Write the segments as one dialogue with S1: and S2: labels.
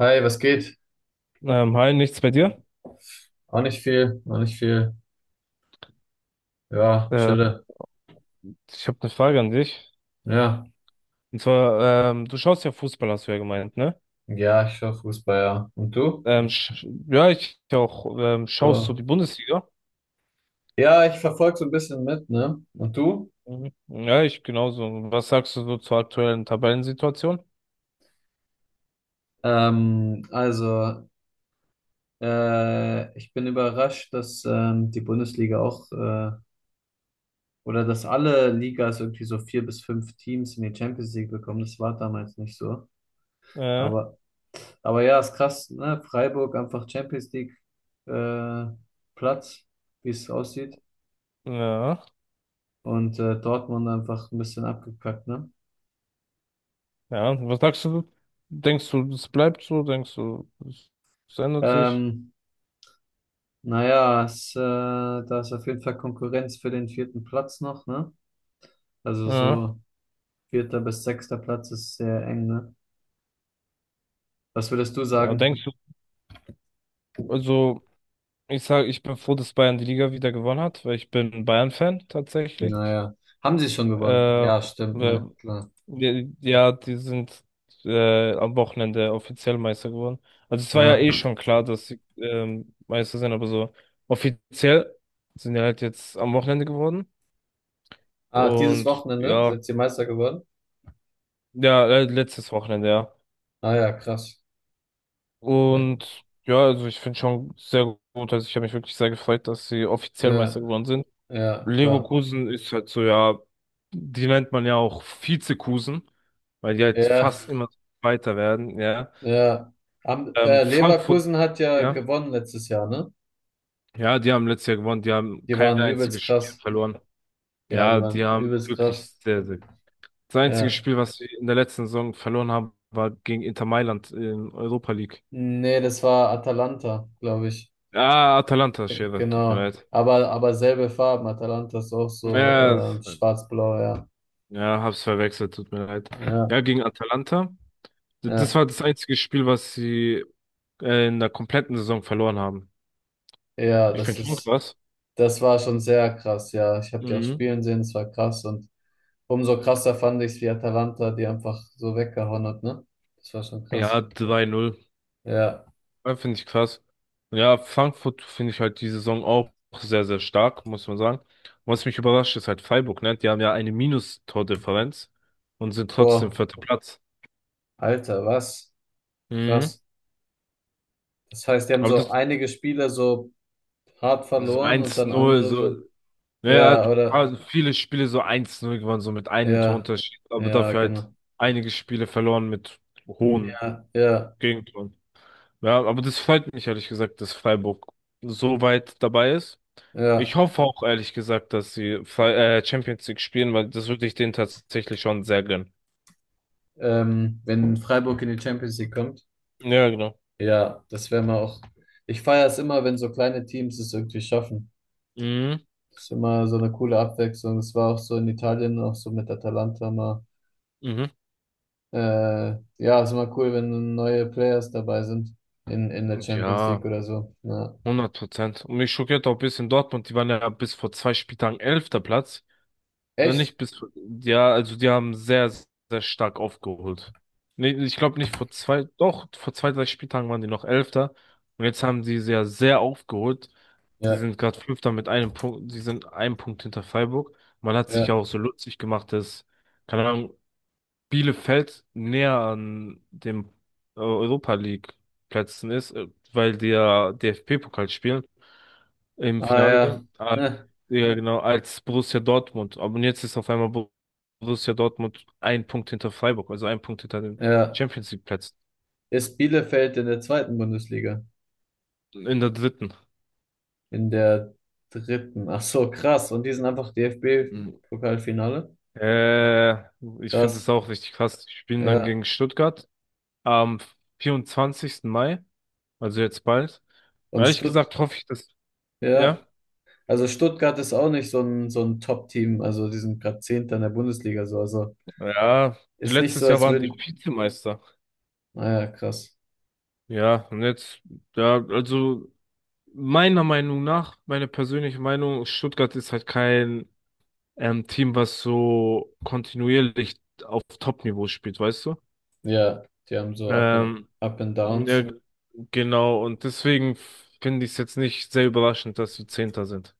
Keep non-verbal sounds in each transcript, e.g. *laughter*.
S1: Hi, was geht?
S2: Hi, nichts bei dir?
S1: Auch nicht viel, auch nicht viel. Ja,
S2: Äh,
S1: chille.
S2: Ich habe eine Frage an dich.
S1: Ja,
S2: Und zwar, du schaust ja Fußball, hast du ja gemeint, ne?
S1: ja, ich schaue Fußball, ja. Und du?
S2: Sch Ja, ich ja auch. Schaust du
S1: Ja,
S2: die Bundesliga?
S1: ja ich verfolge so ein bisschen mit, ne? Und du?
S2: Mhm. Ja, ich genauso. Was sagst du so zur aktuellen Tabellensituation?
S1: Also, ich bin überrascht, dass die Bundesliga auch, oder dass alle Ligas irgendwie so vier bis fünf Teams in die Champions League bekommen. Das war damals nicht so.
S2: Äh,
S1: Aber, aber ja, ist krass, ne? Freiburg einfach Champions League äh, Platz, wie es aussieht.
S2: ja,
S1: Und Dortmund einfach ein bisschen abgekackt, ne?
S2: ja. Was sagst du? Denkst du, es bleibt so? Denkst du, es ändert sich?
S1: Ähm, naja, da ist auf jeden Fall Konkurrenz für den vierten Platz noch, ne? Also
S2: Ja,
S1: so vierter bis sechster Platz ist sehr eng, ne? Was würdest du
S2: ja, denkst
S1: sagen?
S2: du, also ich sage, ich bin froh, dass Bayern die Liga wieder gewonnen hat, weil ich bin Bayern-Fan tatsächlich.
S1: Naja, haben sie schon gewonnen?
S2: Äh,
S1: Ja, stimmt,
S2: äh,
S1: ne? Klar.
S2: Ja, ja, die sind am Wochenende offiziell Meister geworden. Also es war ja
S1: Ja.
S2: eh schon klar, dass sie Meister sind, aber so offiziell sind die halt jetzt am Wochenende geworden.
S1: Ah, dieses
S2: Und
S1: Wochenende
S2: ja,
S1: sind sie Meister geworden?
S2: ja, letztes Wochenende, ja.
S1: Ah ja, krass. Ja,
S2: Und ja, also ich finde schon sehr gut. Also ich habe mich wirklich sehr gefreut, dass sie offiziell Meister
S1: ja,
S2: geworden sind.
S1: ja, klar.
S2: Leverkusen ist halt so, ja, die nennt man ja auch Vizekusen, weil die halt
S1: Ja,
S2: fast immer weiter werden, ja.
S1: ja.
S2: Frankfurt,
S1: Leverkusen hat ja
S2: ja.
S1: gewonnen letztes Jahr, ne?
S2: Ja, die haben letztes Jahr gewonnen. Die haben
S1: Die
S2: kein
S1: waren übelst
S2: einziges Spiel
S1: krass.
S2: verloren.
S1: Ja, die
S2: Ja, die
S1: waren
S2: haben
S1: übelst
S2: wirklich
S1: krass.
S2: sehr, sehr. Das einzige
S1: Ja.
S2: Spiel, was sie in der letzten Saison verloren haben, war gegen Inter Mailand in Europa League.
S1: Nee, das war Atalanta, glaube ich.
S2: Ah, Atalanta, Schere, tut mir
S1: Genau.
S2: leid.
S1: Aber selbe Farben. Atalanta ist auch
S2: Ja,
S1: so
S2: das-
S1: schwarz-blau, ja.
S2: ja, hab's verwechselt, tut mir leid.
S1: Ja,
S2: Ja, gegen Atalanta. Das
S1: ja.
S2: war das einzige Spiel, was sie in der kompletten Saison verloren haben.
S1: Ja,
S2: Ich finde schon krass.
S1: das war schon sehr krass, ja. Ich habe die auch
S2: Mhm.
S1: spielen sehen, es war krass. Und umso krasser fand ich es, wie Atalanta die einfach so weggehauen hat, ne? Das war schon krass.
S2: Ja, 3 null.
S1: Ja.
S2: Ja, finde ich krass. Ja, Frankfurt finde ich halt die Saison auch sehr, sehr stark, muss man sagen. Was mich überrascht, ist halt Freiburg, ne? Die haben ja eine Minus-Tordifferenz und sind trotzdem
S1: Boah,
S2: vierter Platz.
S1: Alter, was?
S2: Mhm.
S1: Krass. Das heißt, die haben
S2: Aber
S1: so
S2: das
S1: einige Spiele so hart
S2: so
S1: verloren und
S2: eins
S1: dann
S2: null
S1: andere
S2: so,
S1: so.
S2: ja,
S1: Ja, oder?
S2: also viele Spiele so eins null gewonnen, so mit einem
S1: Ja,
S2: Torunterschied, aber
S1: ja,
S2: dafür halt
S1: genau.
S2: einige Spiele verloren mit hohen
S1: Ja, ja,
S2: Gegentoren. Ja, aber das freut mich ehrlich gesagt, dass Freiburg so weit dabei ist.
S1: ja.
S2: Ich hoffe auch ehrlich gesagt, dass sie Champions League spielen, weil das würde ich denen tatsächlich schon sehr gönnen.
S1: Wenn Freiburg in die Champions League kommt,
S2: Ja, genau.
S1: ja, das wäre mal auch. Ich feiere es immer, wenn so kleine Teams es irgendwie schaffen.
S2: Mhm.
S1: Das ist immer so eine coole Abwechslung. Es war auch so in Italien, auch so mit Atalanta mal.
S2: Mhm.
S1: Ja, ist immer cool, wenn neue Players dabei sind in der
S2: Und
S1: Champions League
S2: ja,
S1: oder so. Ja.
S2: hundert Prozent. Und mich schockiert auch ein bisschen Dortmund, die waren ja bis vor zwei Spieltagen elfter Platz.
S1: Echt?
S2: Nicht bis, ja, also die haben sehr, sehr stark aufgeholt. Nee, ich glaube nicht vor zwei, doch, vor zwei, drei Spieltagen waren die noch Elfter. Und jetzt haben die sehr, sehr aufgeholt. Sie
S1: Ja,
S2: sind gerade Fünfter mit einem Punkt, sie sind einen Punkt hinter Freiburg. Man hat sich ja
S1: ja.
S2: auch so lustig gemacht, dass, keine Ahnung, Bielefeld näher an dem Europa League Plätzen ist, weil die ja DFB-Pokal spielen im
S1: Ah
S2: Finale.
S1: ja.
S2: Ah,
S1: Hm,
S2: ja, genau, als Borussia Dortmund. Aber jetzt ist auf einmal Borussia Dortmund ein Punkt hinter Freiburg, also ein Punkt hinter den
S1: ja.
S2: Champions League Plätzen
S1: Ist Bielefeld in der zweiten Bundesliga?
S2: in der dritten.
S1: In der dritten. Ach so, krass. Und die sind einfach
S2: Mhm.
S1: DFB-Pokalfinale.
S2: Äh, Ich finde
S1: Krass.
S2: es auch richtig krass. Die spielen dann
S1: Ja.
S2: gegen Stuttgart am 24. Mai, also jetzt bald. Und
S1: Und
S2: ehrlich
S1: Stutt,
S2: gesagt hoffe ich, dass, ja.
S1: ja. Also Stuttgart ist auch nicht so ein, so ein Top-Team. Also die sind gerade Zehnter in der Bundesliga so. Also
S2: Ja,
S1: ist nicht so,
S2: letztes Jahr
S1: als
S2: waren die
S1: würden.
S2: Vizemeister.
S1: Naja, krass.
S2: Ja, und jetzt, ja, also meiner Meinung nach, meine persönliche Meinung, Stuttgart ist halt kein Team, was so kontinuierlich auf Top-Niveau spielt, weißt du?
S1: Ja, die haben so Up and,
S2: Ähm,
S1: Up and
S2: ja,
S1: Downs.
S2: genau, und deswegen finde ich es jetzt nicht sehr überraschend, dass wir Zehnter sind.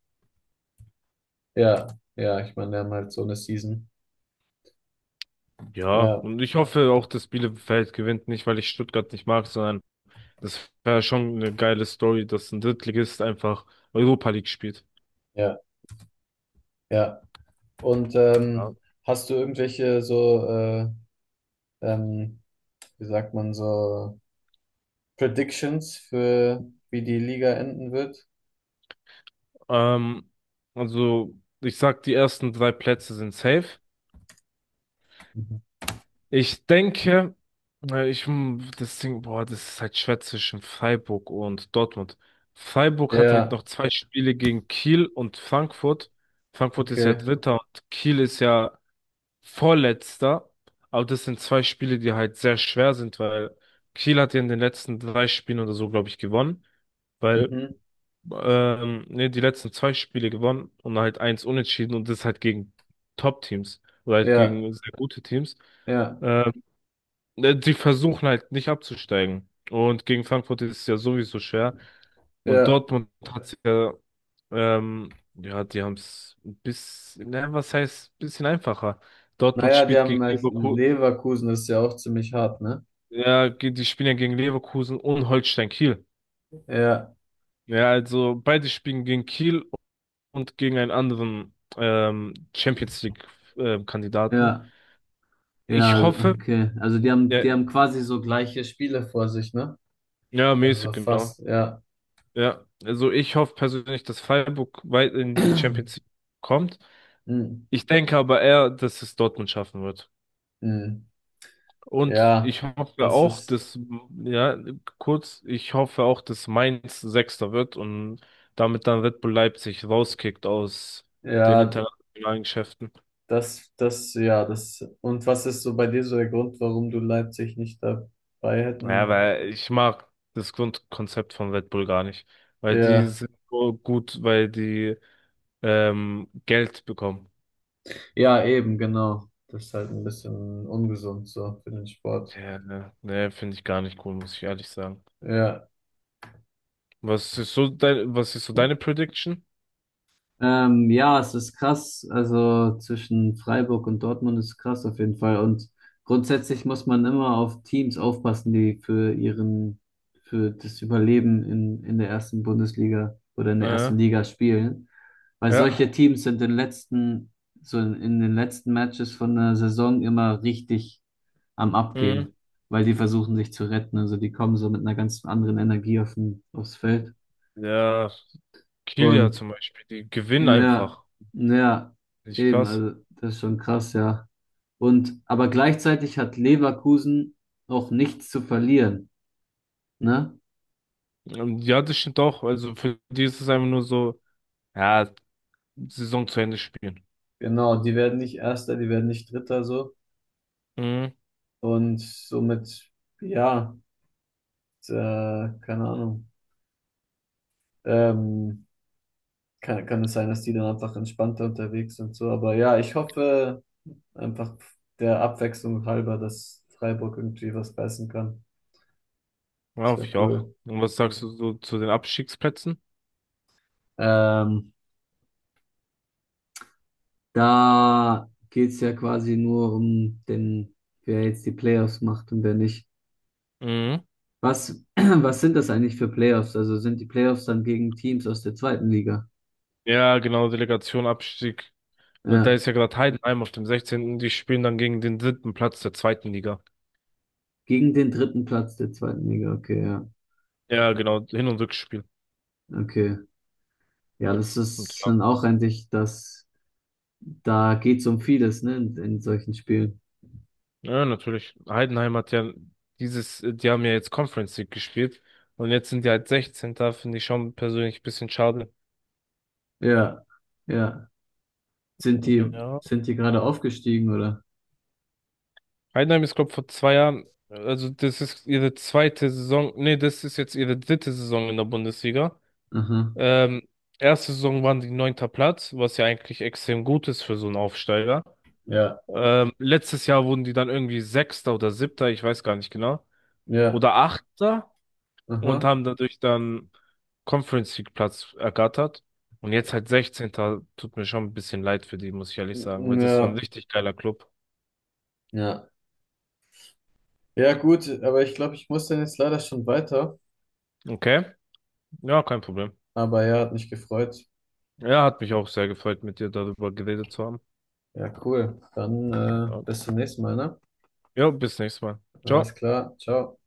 S1: Ja, ja, ich meine, die haben halt so eine Season.
S2: Ja,
S1: Ja,
S2: und ich hoffe auch, dass Bielefeld gewinnt, nicht weil ich Stuttgart nicht mag, sondern das wäre schon eine geile Story, dass ein Drittligist einfach Europa League spielt.
S1: ja, ja. Und
S2: Ja.
S1: hast du irgendwelche so, ähm, wie sagt man so, Predictions für wie die Liga enden wird?
S2: Ähm, also, ich sag, die ersten drei Plätze sind safe.
S1: Mhm.
S2: Ich denke, das Ding, boah, das ist halt schwer zwischen Freiburg und Dortmund. Freiburg hat halt
S1: Ja,
S2: noch zwei Spiele gegen Kiel und Frankfurt. Frankfurt ist ja
S1: okay.
S2: Dritter und Kiel ist ja Vorletzter, aber das sind zwei Spiele, die halt sehr schwer sind, weil Kiel hat ja in den letzten drei Spielen oder so, glaube ich, gewonnen, weil,
S1: Mhm.
S2: ne, die letzten zwei Spiele gewonnen und halt eins unentschieden und das halt gegen Top-Teams oder halt
S1: Ja,
S2: gegen sehr gute Teams.
S1: ja,
S2: Ähm, ne, die versuchen halt nicht abzusteigen. Und gegen Frankfurt ist es ja sowieso schwer. Und
S1: ja.
S2: Dortmund hat sich ja, ja, die haben es ein bisschen, ne, was heißt, ein bisschen einfacher. Dortmund
S1: Naja, die
S2: spielt
S1: haben
S2: gegen
S1: halt
S2: Leverkusen.
S1: Leverkusen, das ist ja auch ziemlich hart, ne?
S2: Ja, die spielen ja gegen Leverkusen und Holstein Kiel.
S1: Ja,
S2: Ja, also beide spielen gegen Kiel und gegen einen anderen Champions League Kandidaten.
S1: ja, ja,
S2: Ich hoffe,
S1: okay. Also die haben,
S2: ja,
S1: die haben quasi so gleiche Spiele vor sich, ne?
S2: ja,
S1: Also so
S2: mäßig, genau.
S1: fast, ja.
S2: Ja, also ich hoffe persönlich, dass Freiburg weit in die Champions
S1: *clears throat*
S2: League kommt.
S1: Hm,
S2: Ich denke aber eher, dass es Dortmund schaffen wird.
S1: hm.
S2: Und
S1: Ja,
S2: ich hoffe
S1: das
S2: auch,
S1: ist,
S2: dass, ja, kurz, ich hoffe auch, dass Mainz Sechster wird und damit dann Red Bull Leipzig rauskickt aus den
S1: ja,
S2: internationalen Geschäften.
S1: das, ja, das. Und was ist so bei dir so der Grund, warum du Leipzig nicht dabei
S2: Ja,
S1: hätten?
S2: weil ich mag das Grundkonzept von Red Bull gar nicht. Weil die
S1: Ja.
S2: sind so gut, weil die Geld bekommen.
S1: Ja, eben, genau. Das ist halt ein bisschen ungesund so für den Sport.
S2: Ja, ne, ne, finde ich gar nicht cool, muss ich ehrlich sagen.
S1: Ja.
S2: Was ist so dein, was ist so deine Prediction?
S1: Ja, es ist krass. Also zwischen Freiburg und Dortmund ist krass auf jeden Fall. Und grundsätzlich muss man immer auf Teams aufpassen, die für das Überleben in der ersten Bundesliga oder in der
S2: Äh,
S1: ersten Liga spielen. Weil
S2: ja.
S1: solche Teams sind in den letzten Matches von der Saison immer richtig am
S2: Mhm.
S1: Abgehen, weil die versuchen sich zu retten. Also die kommen so mit einer ganz anderen Energie aufs Feld.
S2: Ja. Kilia
S1: Und
S2: zum Beispiel, die gewinnen
S1: ja,
S2: einfach.
S1: ja,
S2: Nicht
S1: eben,
S2: krass.
S1: also das ist schon krass, ja. Und aber gleichzeitig hat Leverkusen auch nichts zu verlieren, ne?
S2: Ja, das stimmt auch. Also für die ist es einfach nur so, ja, Saison zu Ende spielen.
S1: Genau, die werden nicht Erster, die werden nicht Dritter so.
S2: Mhm.
S1: Und somit, ja, äh, keine Ahnung. Ähm, kann es sein, dass die dann einfach entspannter unterwegs sind so. Aber ja, ich hoffe. Einfach der Abwechslung halber, dass Freiburg irgendwie was beißen kann.
S2: Ja,
S1: Das
S2: hoffe
S1: wäre
S2: ich auch.
S1: cool.
S2: Und was sagst du so zu den Abstiegsplätzen?
S1: Ähm, da geht's ja quasi nur wer jetzt die Playoffs macht und wer nicht.
S2: Mhm.
S1: Was, *clears throat* was sind das eigentlich für Playoffs? Also sind die Playoffs dann gegen Teams aus der zweiten Liga?
S2: Ja, genau, Delegation, Abstieg. Weil da
S1: Ja,
S2: ist ja gerade Heidenheim auf dem 16. Die spielen dann gegen den dritten Platz der zweiten Liga.
S1: gegen den dritten Platz der zweiten Liga. Okay, ja,
S2: Ja, genau, Hin- und Rückspiel.
S1: okay. Ja, das ist dann auch eigentlich, da geht's um vieles, ne, in solchen Spielen.
S2: Ja, natürlich. Heidenheim hat ja dieses, die haben ja jetzt Conference League gespielt und jetzt sind die halt 16. Finde ich schon persönlich ein bisschen schade.
S1: Ja, ja. Sind die,
S2: Ja.
S1: sind die gerade aufgestiegen, oder?
S2: Heidenheim ist, glaube vor zwei Jahren, also das ist ihre zweite Saison, nee, das ist jetzt ihre dritte Saison in der Bundesliga.
S1: Aha.
S2: Ähm, Erste Saison waren die neunter Platz, was ja eigentlich extrem gut ist für so einen Aufsteiger.
S1: Ja,
S2: Letztes Jahr wurden die dann irgendwie Sechster oder Siebter, ich weiß gar nicht genau.
S1: ja,
S2: Oder Achter. Und
S1: aha.
S2: haben dadurch dann Conference League Platz ergattert. Und jetzt halt 16. Tut mir schon ein bisschen leid für die, muss ich ehrlich sagen, weil das ist so ein
S1: Ja,
S2: richtig geiler Club.
S1: ja. Ja, gut, aber ich glaube, ich muss dann jetzt leider schon weiter.
S2: Okay, ja, kein Problem.
S1: Aber ja, hat mich gefreut.
S2: Ja, hat mich auch sehr gefreut, mit dir darüber geredet zu haben.
S1: Ja, cool. Dann
S2: Ja,
S1: bis zum nächsten Mal, ne?
S2: ja bis nächstes Mal.
S1: Alles
S2: Ciao.
S1: klar, ciao.